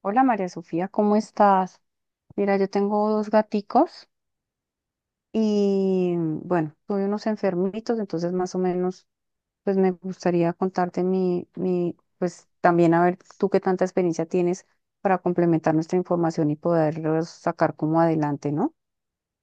Hola María Sofía, ¿cómo estás? Mira, yo tengo dos gaticos y bueno, tuve unos enfermitos, entonces más o menos pues me gustaría contarte mi, pues también a ver tú qué tanta experiencia tienes para complementar nuestra información y poderlos sacar como adelante, ¿no?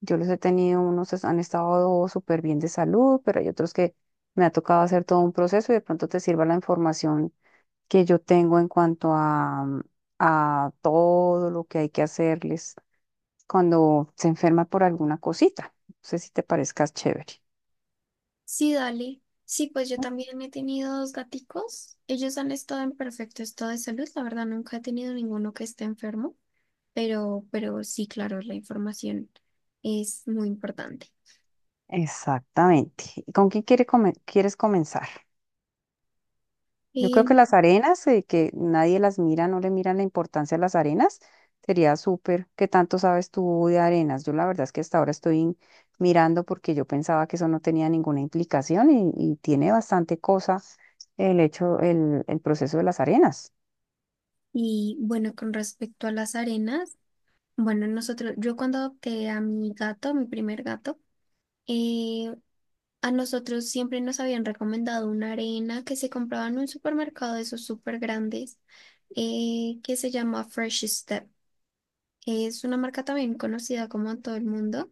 Yo los he tenido, unos han estado súper bien de salud, pero hay otros que me ha tocado hacer todo un proceso y de pronto te sirva la información que yo tengo en cuanto a, a todo lo que hay que hacerles cuando se enferma por alguna cosita. No sé si te parezcas chévere. Sí, dale. Sí, pues yo ¿No? también he tenido dos gaticos. Ellos han estado en perfecto estado de salud. La verdad, nunca he tenido ninguno que esté enfermo, pero sí, claro, la información es muy importante. Exactamente. ¿Y ¿Con quién quiere come- quieres comenzar? Yo creo que Em, las arenas, que nadie las mira, no le miran la importancia a las arenas, sería súper. ¿Qué tanto sabes tú de arenas? Yo la verdad es que hasta ahora estoy mirando porque yo pensaba que eso no tenía ninguna implicación y tiene bastante cosa el proceso de las arenas. y bueno, con respecto a las arenas, bueno, nosotros, yo cuando adopté a mi gato, mi primer gato, eh, a nosotros siempre nos habían recomendado una arena que se compraba en un supermercado de esos súper grandes, que se llama Fresh Step. Es una marca también conocida como en todo el mundo.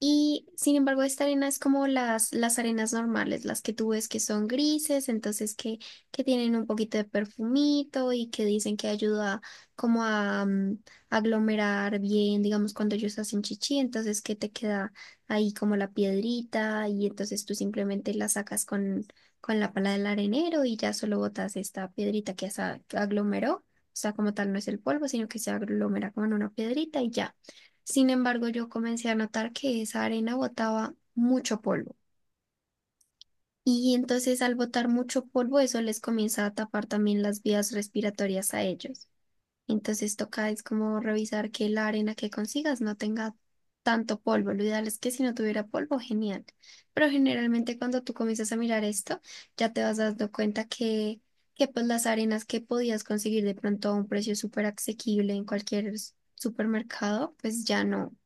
Y sin embargo, esta arena es como las arenas normales, las que tú ves que son grises, entonces que tienen un poquito de perfumito y que dicen que ayuda como a aglomerar bien, digamos, cuando ellos hacen chichi, entonces que te queda ahí como la piedrita y entonces tú simplemente la sacas con la pala del arenero y ya solo botas esta piedrita que se aglomeró. O sea, como tal no es el polvo, sino que se aglomera como en una piedrita y ya. Sin embargo, yo comencé a notar que esa arena botaba mucho polvo. Y entonces al botar mucho polvo, eso les comienza a tapar también las vías respiratorias a ellos. Entonces toca es como revisar que la arena que consigas no tenga tanto polvo. Lo ideal es que si no tuviera polvo, genial. Pero generalmente cuando tú comienzas a mirar esto, ya te vas dando cuenta que pues las arenas que podías conseguir de pronto a un precio súper asequible en cualquier s- supermercado, pues ya no,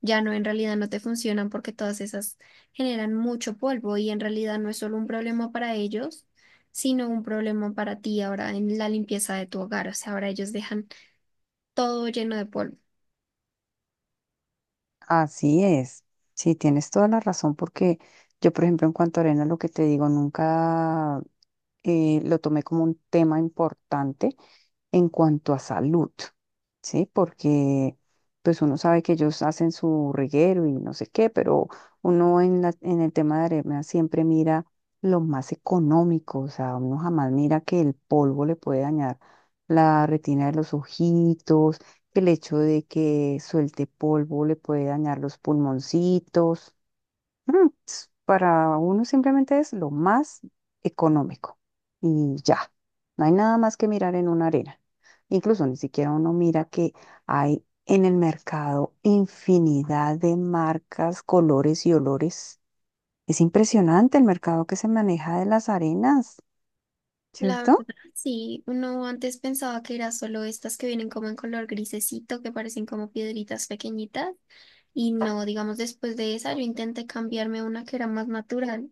ya no, en realidad no te funcionan porque todas esas generan mucho polvo y en realidad no es solo un problema para ellos sino un problema para ti ahora en la limpieza de tu hogar. O sea, ahora ellos dejan todo lleno de polvo. Así es, sí, tienes toda la razón porque yo, por ejemplo, en cuanto a arena, lo que te digo, nunca lo tomé como un tema importante en cuanto a salud, ¿sí? Porque pues uno sabe que ellos hacen su reguero y no sé qué, pero uno en el tema de arena siempre mira lo más económico, o sea, uno jamás mira que el polvo le puede dañar la retina de los ojitos, que el hecho de que suelte polvo le puede dañar los pulmoncitos. Para uno simplemente es lo más económico y ya, no hay nada más que mirar en una arena. Incluso ni siquiera uno mira que hay en el mercado infinidad de marcas, colores y olores. Es impresionante el mercado que se maneja de las arenas, La ¿cierto? verdad, sí, uno antes pensaba que era solo estas que vienen como en color grisecito, que parecen como piedritas pequeñitas. Y no, digamos, después de esa yo intenté cambiarme a una que era más natural.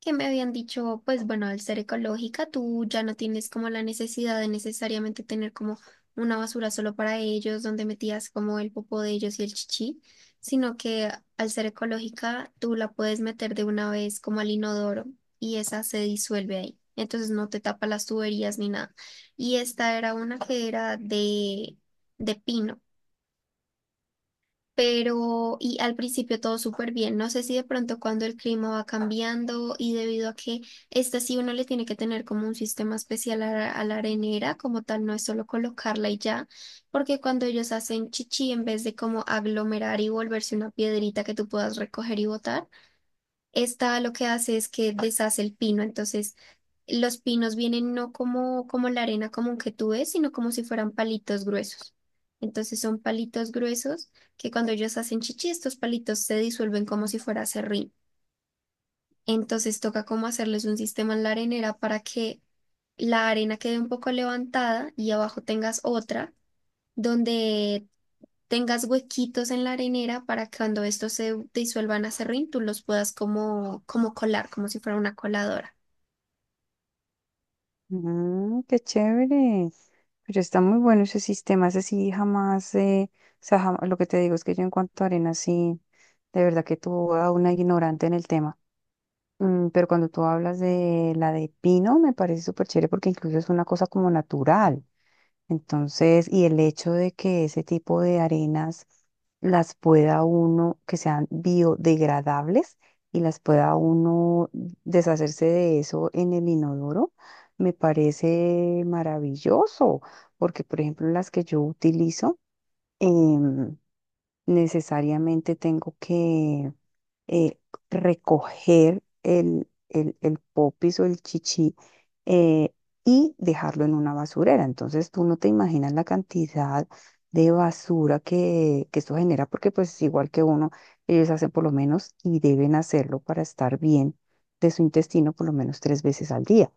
Que me habían dicho, pues bueno, al ser ecológica, tú ya no tienes como la necesidad de necesariamente tener como una basura solo para ellos, donde metías como el popo de ellos y el chichi, sino que al ser ecológica, tú la puedes meter de una vez como al inodoro y esa se disuelve ahí. Entonces no te tapa las tuberías ni nada. Y esta era una que era de pino pero y al principio todo súper bien. No sé si de pronto cuando el clima va cambiando y debido a que esta sí uno le tiene que tener como un sistema especial a la arenera, como tal, no es solo colocarla y ya, porque cuando ellos hacen chichi, en vez de como aglomerar y volverse una piedrita que tú puedas recoger y botar, esta lo que hace es que deshace el pino, entonces los pinos vienen no como, como la arena común que tú ves, sino como si fueran palitos gruesos. Entonces son palitos gruesos que cuando ellos hacen chichi, estos palitos se disuelven como si fuera serrín. Entonces toca como hacerles un sistema en la arenera para que la arena quede un poco levantada y abajo tengas otra donde tengas huequitos en la arenera para que cuando estos se disuelvan a serrín, tú los puedas como, como colar, como si fuera una coladora. Mm, qué chévere. Pero está muy bueno ese sistema, ese sí jamás, o sea, lo que te digo es que yo en cuanto a arenas sí, de verdad que tú a una ignorante en el tema. Mm, pero cuando tú hablas de la de pino, me parece súper chévere porque incluso es una cosa como natural. Entonces, y el hecho de que ese tipo de arenas las pueda uno, que sean biodegradables y las pueda uno deshacerse de eso en el inodoro, me parece maravilloso porque, por ejemplo, las que yo utilizo, em, necesariamente tengo que eh, recoger el popis o el chichi, eh, y dejarlo en una basurera. Entonces tú no te imaginas la cantidad de basura que esto genera, porque pues igual que uno, ellos hacen por lo menos y deben hacerlo para estar bien de su intestino por lo menos tres veces al día.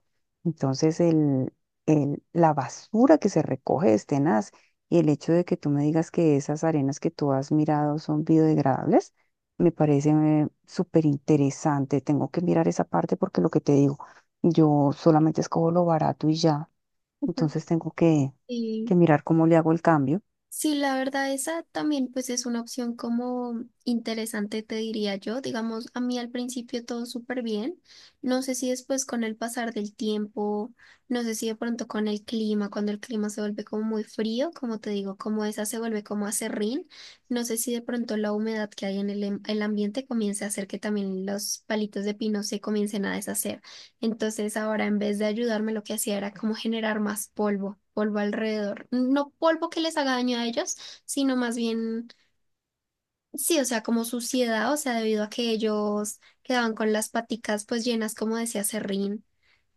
Entonces la basura que se recoge es tenaz. Y el hecho de que tú me digas que esas arenas que tú has mirado son biodegradables, me parece súper interesante. Tengo que mirar esa parte porque lo que te digo, yo solamente escojo lo barato y ya. Entonces tengo que, Y que mirar cómo le hago el cambio. sí, la verdad, esa también pues es una opción como interesante, te diría yo. Digamos, a mí al principio todo súper bien. No sé si después con el pasar del tiempo, no sé si de pronto con el clima, cuando el clima se vuelve como muy frío, como te digo, como esa se vuelve como acerrín. No sé si de pronto la humedad que hay en el, el ambiente comience a hacer que también los palitos de pino se comiencen a deshacer. Entonces ahora en vez de ayudarme lo que hacía era como generar más polvo, polvo alrededor. No polvo que les haga daño a ellos, sino más bien, sí, o sea, como suciedad, o sea, debido a que ellos quedaban con las paticas pues llenas como decía serrín,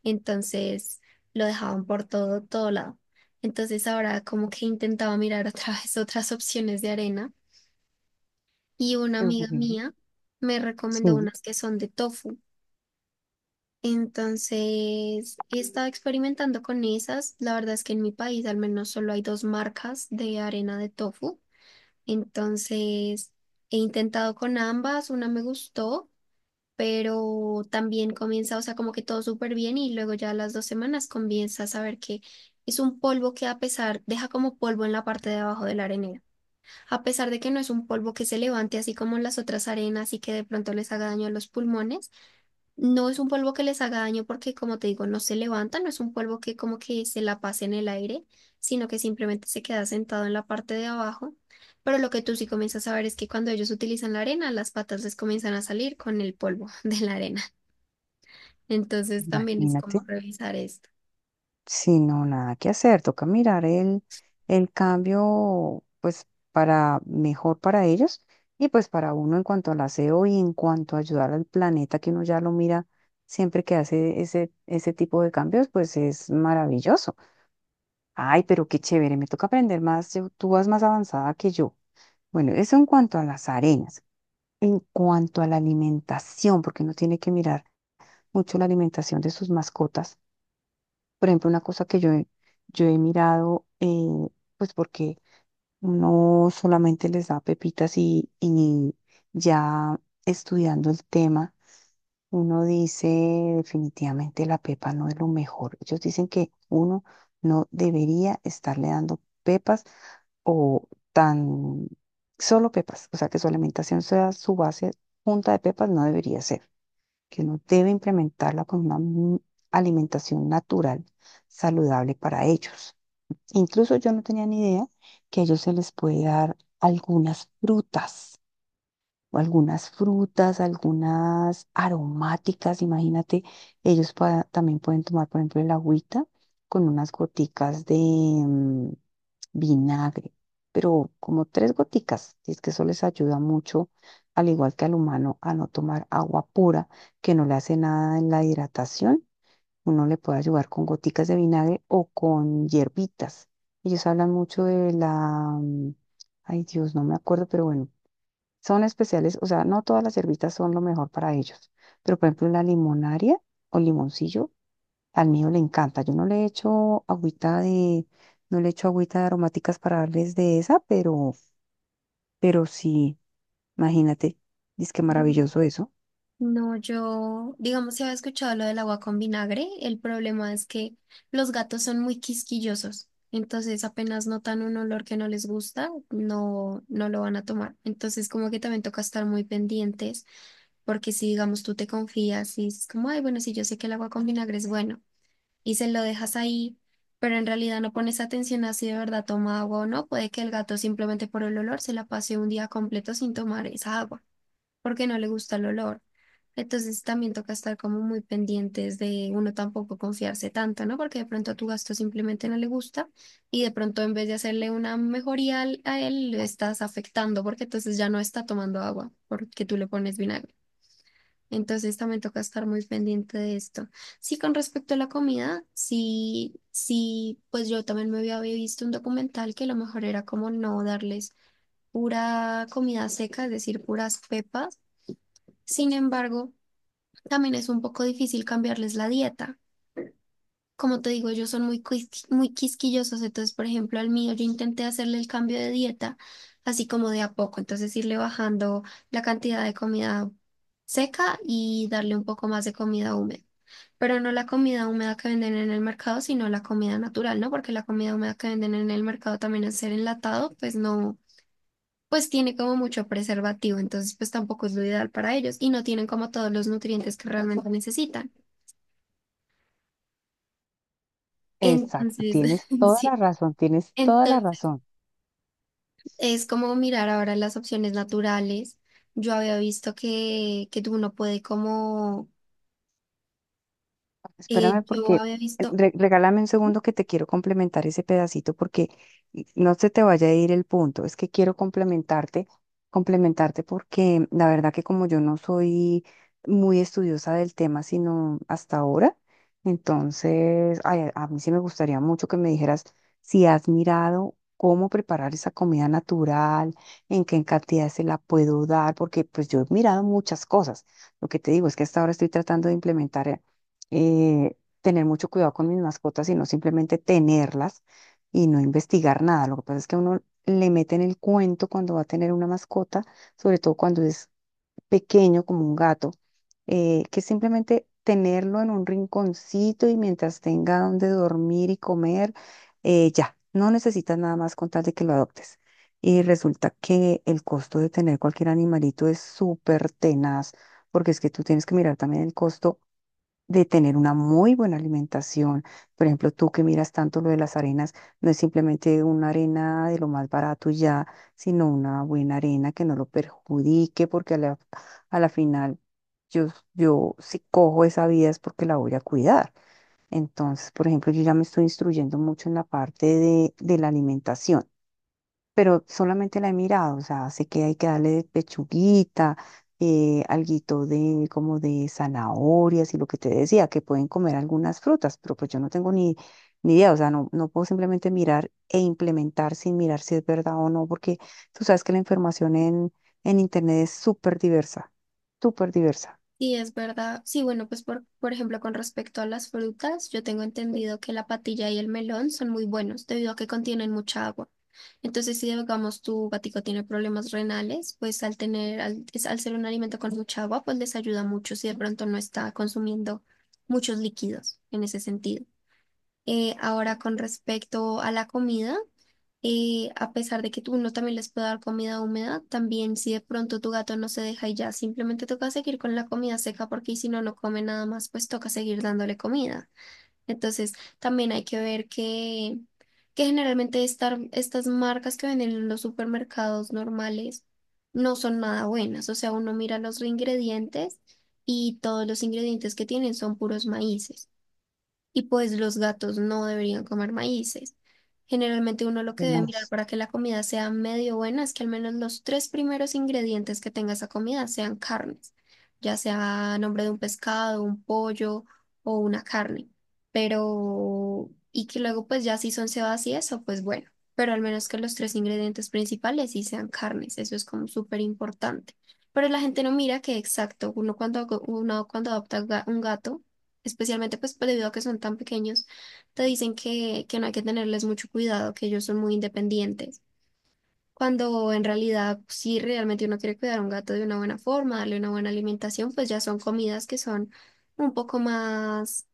entonces lo dejaban por todo, todo lado. Entonces ahora como que intentaba mirar otra vez otras opciones de arena y una Qué amiga bueno. mía me recomendó Sí, unas que son de tofu. Entonces, he estado experimentando con esas. La verdad es que en mi país al menos solo hay dos marcas de arena de tofu. Entonces, he intentado con ambas, una me gustó, pero también comienza, o sea, como que todo súper bien y luego ya a las dos semanas comienza a saber que es un polvo que a pesar, deja como polvo en la parte de abajo de la arenera. A pesar de que no es un polvo que se levante así como las otras arenas y que de pronto les haga daño a los pulmones. No es un polvo que les haga daño porque, como te digo, no se levanta, no es un polvo que como que se la pase en el aire, sino que simplemente se queda sentado en la parte de abajo. Pero lo que tú sí comienzas a ver es que cuando ellos utilizan la arena, las patas les comienzan a salir con el polvo de la arena. Entonces también es imagínate. como revisar esto. Si no, nada que hacer. Toca mirar el cambio, pues, para mejor para ellos y pues para uno en cuanto al aseo y en cuanto a ayudar al planeta, que uno ya lo mira siempre que hace ese tipo de cambios, pues es maravilloso. Ay, pero qué chévere, me toca aprender más, tú vas más avanzada que yo. Bueno, eso en cuanto a las arenas. En cuanto a la alimentación, porque uno tiene que mirar mucho la alimentación de sus mascotas. Por ejemplo, una cosa que yo he mirado, pues porque no solamente les da pepitas y ya estudiando el tema. Uno dice, definitivamente la pepa no es lo mejor. Ellos dicen que uno no debería estarle dando pepas o tan solo pepas, o sea, que su alimentación sea su base junta de pepas, no debería ser, que uno debe implementarla con una alimentación natural, saludable para ellos. Incluso yo no tenía ni idea que a ellos se les puede dar algunas frutas o algunas frutas, algunas aromáticas, imagínate, ellos también pueden tomar, por ejemplo, el agüita con unas goticas de vinagre, pero como tres goticas, y es que eso les ayuda mucho, al igual que al humano, a no tomar agua pura, que no le hace nada en la hidratación, uno le puede ayudar con goticas de vinagre o con hierbitas. Ellos hablan mucho de la, mm, ay Dios, no me acuerdo, pero bueno son especiales, o sea, no todas las cervitas son lo mejor para ellos, pero por ejemplo la limonaria o limoncillo, al mío le encanta. Yo no le echo no le echo agüita de aromáticas para darles de esa, pero sí, imagínate, es que maravilloso eso. No, yo, digamos, si había escuchado lo del agua con vinagre, el problema es que los gatos son muy quisquillosos, entonces apenas notan un olor que no les gusta, no, no lo van a tomar. Entonces como que también toca estar muy pendientes, porque si digamos tú te confías y es como, ay, bueno, si yo sé que el agua con vinagre es bueno y se lo dejas ahí, pero en realidad no pones atención a si de verdad toma agua o no, puede que el gato simplemente por el olor se la pase un día completo sin tomar esa agua porque no le gusta el olor. Entonces también toca estar como muy pendientes de uno tampoco confiarse tanto, ¿no? Porque de pronto a tu gasto simplemente no le gusta y de pronto en vez de hacerle una mejoría al- a él, le estás afectando porque entonces ya no está tomando agua porque tú le pones vinagre. Entonces también toca estar muy pendiente de esto. Sí, con respecto a la comida, sí, sí, pues yo también me había visto un documental que lo mejor era como no darles pura comida seca, es decir, puras pepas sin embargo, también es un poco difícil cambiarles la dieta. Como te digo, ellos son muy, muy quisquillosos, entonces, por ejemplo, al mío yo intenté hacerle el cambio de dieta, así como de a poco, entonces irle bajando la cantidad de comida seca y darle un poco más de comida húmeda. Pero no la comida húmeda que venden en el mercado, sino la comida natural, ¿no? Porque la comida húmeda que venden en el mercado también al ser enlatado, pues no pues tiene como mucho preservativo, entonces pues tampoco es lo ideal para ellos y no tienen como todos los nutrientes que realmente necesitan. Exacto, Entonces, tienes toda la sí, razón, tienes toda la entonces razón. es como mirar ahora las opciones naturales. Yo había visto que uno puede como, Espérame yo porque había visto, regálame un segundo que te quiero complementar ese pedacito porque no se te vaya a ir el punto. Es que quiero complementarte porque la verdad que como yo no soy muy estudiosa del tema, sino hasta ahora, entonces ay, a mí sí me gustaría mucho que me dijeras si has mirado cómo preparar esa comida natural, en qué cantidad se la puedo dar, porque pues yo he mirado muchas cosas. Lo que te digo es que hasta ahora estoy tratando de implementar. Tener mucho cuidado con mis mascotas, sino simplemente tenerlas y no investigar nada. Lo que pasa es que a uno le mete en el cuento cuando va a tener una mascota, sobre todo cuando es pequeño como un gato, que simplemente tenerlo en un rinconcito y mientras tenga donde dormir y comer, ya, no necesitas nada más con tal de que lo adoptes. Y resulta que el costo de tener cualquier animalito es súper tenaz, porque es que tú tienes que mirar también el costo de tener una muy buena alimentación. Por ejemplo, tú que miras tanto lo de las arenas, no es simplemente una arena de lo más barato y ya, sino una buena arena que no lo perjudique, porque a la final yo, yo si cojo esa vida es porque la voy a cuidar. Entonces, por ejemplo, yo ya me estoy instruyendo mucho en la parte de la alimentación pero solamente la he mirado, o sea, sé que hay que darle pechuguita, alguito de como de zanahorias y lo que te decía, que pueden comer algunas frutas, pero pues yo no tengo ni idea, o sea, no puedo simplemente mirar e implementar sin mirar si es verdad o no, porque tú sabes que la información en internet es súper diversa, sí, es verdad. Sí, bueno, pues por ejemplo, con respecto a las frutas, yo tengo entendido que la patilla y el melón son muy buenos debido a que contienen mucha agua. Entonces, si digamos tu gatico tiene problemas renales, pues al tener, al, al ser un alimento con mucha agua, pues les ayuda mucho si de pronto no está consumiendo muchos líquidos en ese sentido. Ahora, con respecto a la comida, a pesar de que tú uno también les puede dar comida húmeda, también si de pronto tu gato no se deja y ya simplemente toca seguir con la comida seca porque si no, no come nada más, pues toca seguir dándole comida. Entonces, también hay que ver que generalmente estar, estas marcas que venden en los supermercados normales no son nada buenas. O sea, uno mira los ingredientes y todos los ingredientes que tienen son puros maíces y pues los gatos no deberían comer maíces. Generalmente uno lo que y debe mirar más, para que la comida sea medio buena es que al menos los tres primeros ingredientes que tenga esa comida sean carnes, ya sea a nombre de un pescado, un pollo o una carne. Pero, y que luego pues ya si son cebadas y eso, pues bueno, pero al menos que los tres ingredientes principales sí sean carnes, eso es como súper importante. Pero la gente no mira que exacto, uno cuando adopta un gato, especialmente pues debido a que son tan pequeños, te dicen que no hay que tenerles mucho cuidado, que ellos son muy independientes. Cuando en realidad, si realmente uno quiere cuidar a un gato de una buena forma, darle una buena alimentación, pues ya son comidas que son un poco más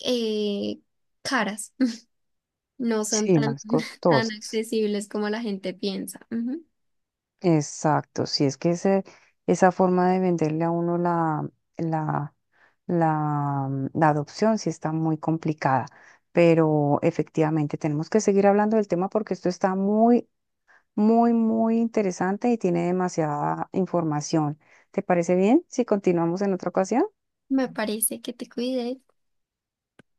eh, caras, no son sí, tan, más tan costosas. accesibles como la gente piensa. Ujú. Exacto, si es que esa forma de venderle a uno la, la la adopción sí está muy complicada, pero efectivamente tenemos que seguir hablando del tema porque esto está muy, muy, muy interesante y tiene demasiada información. ¿Te parece bien si continuamos en otra ocasión? Me parece que te cuides.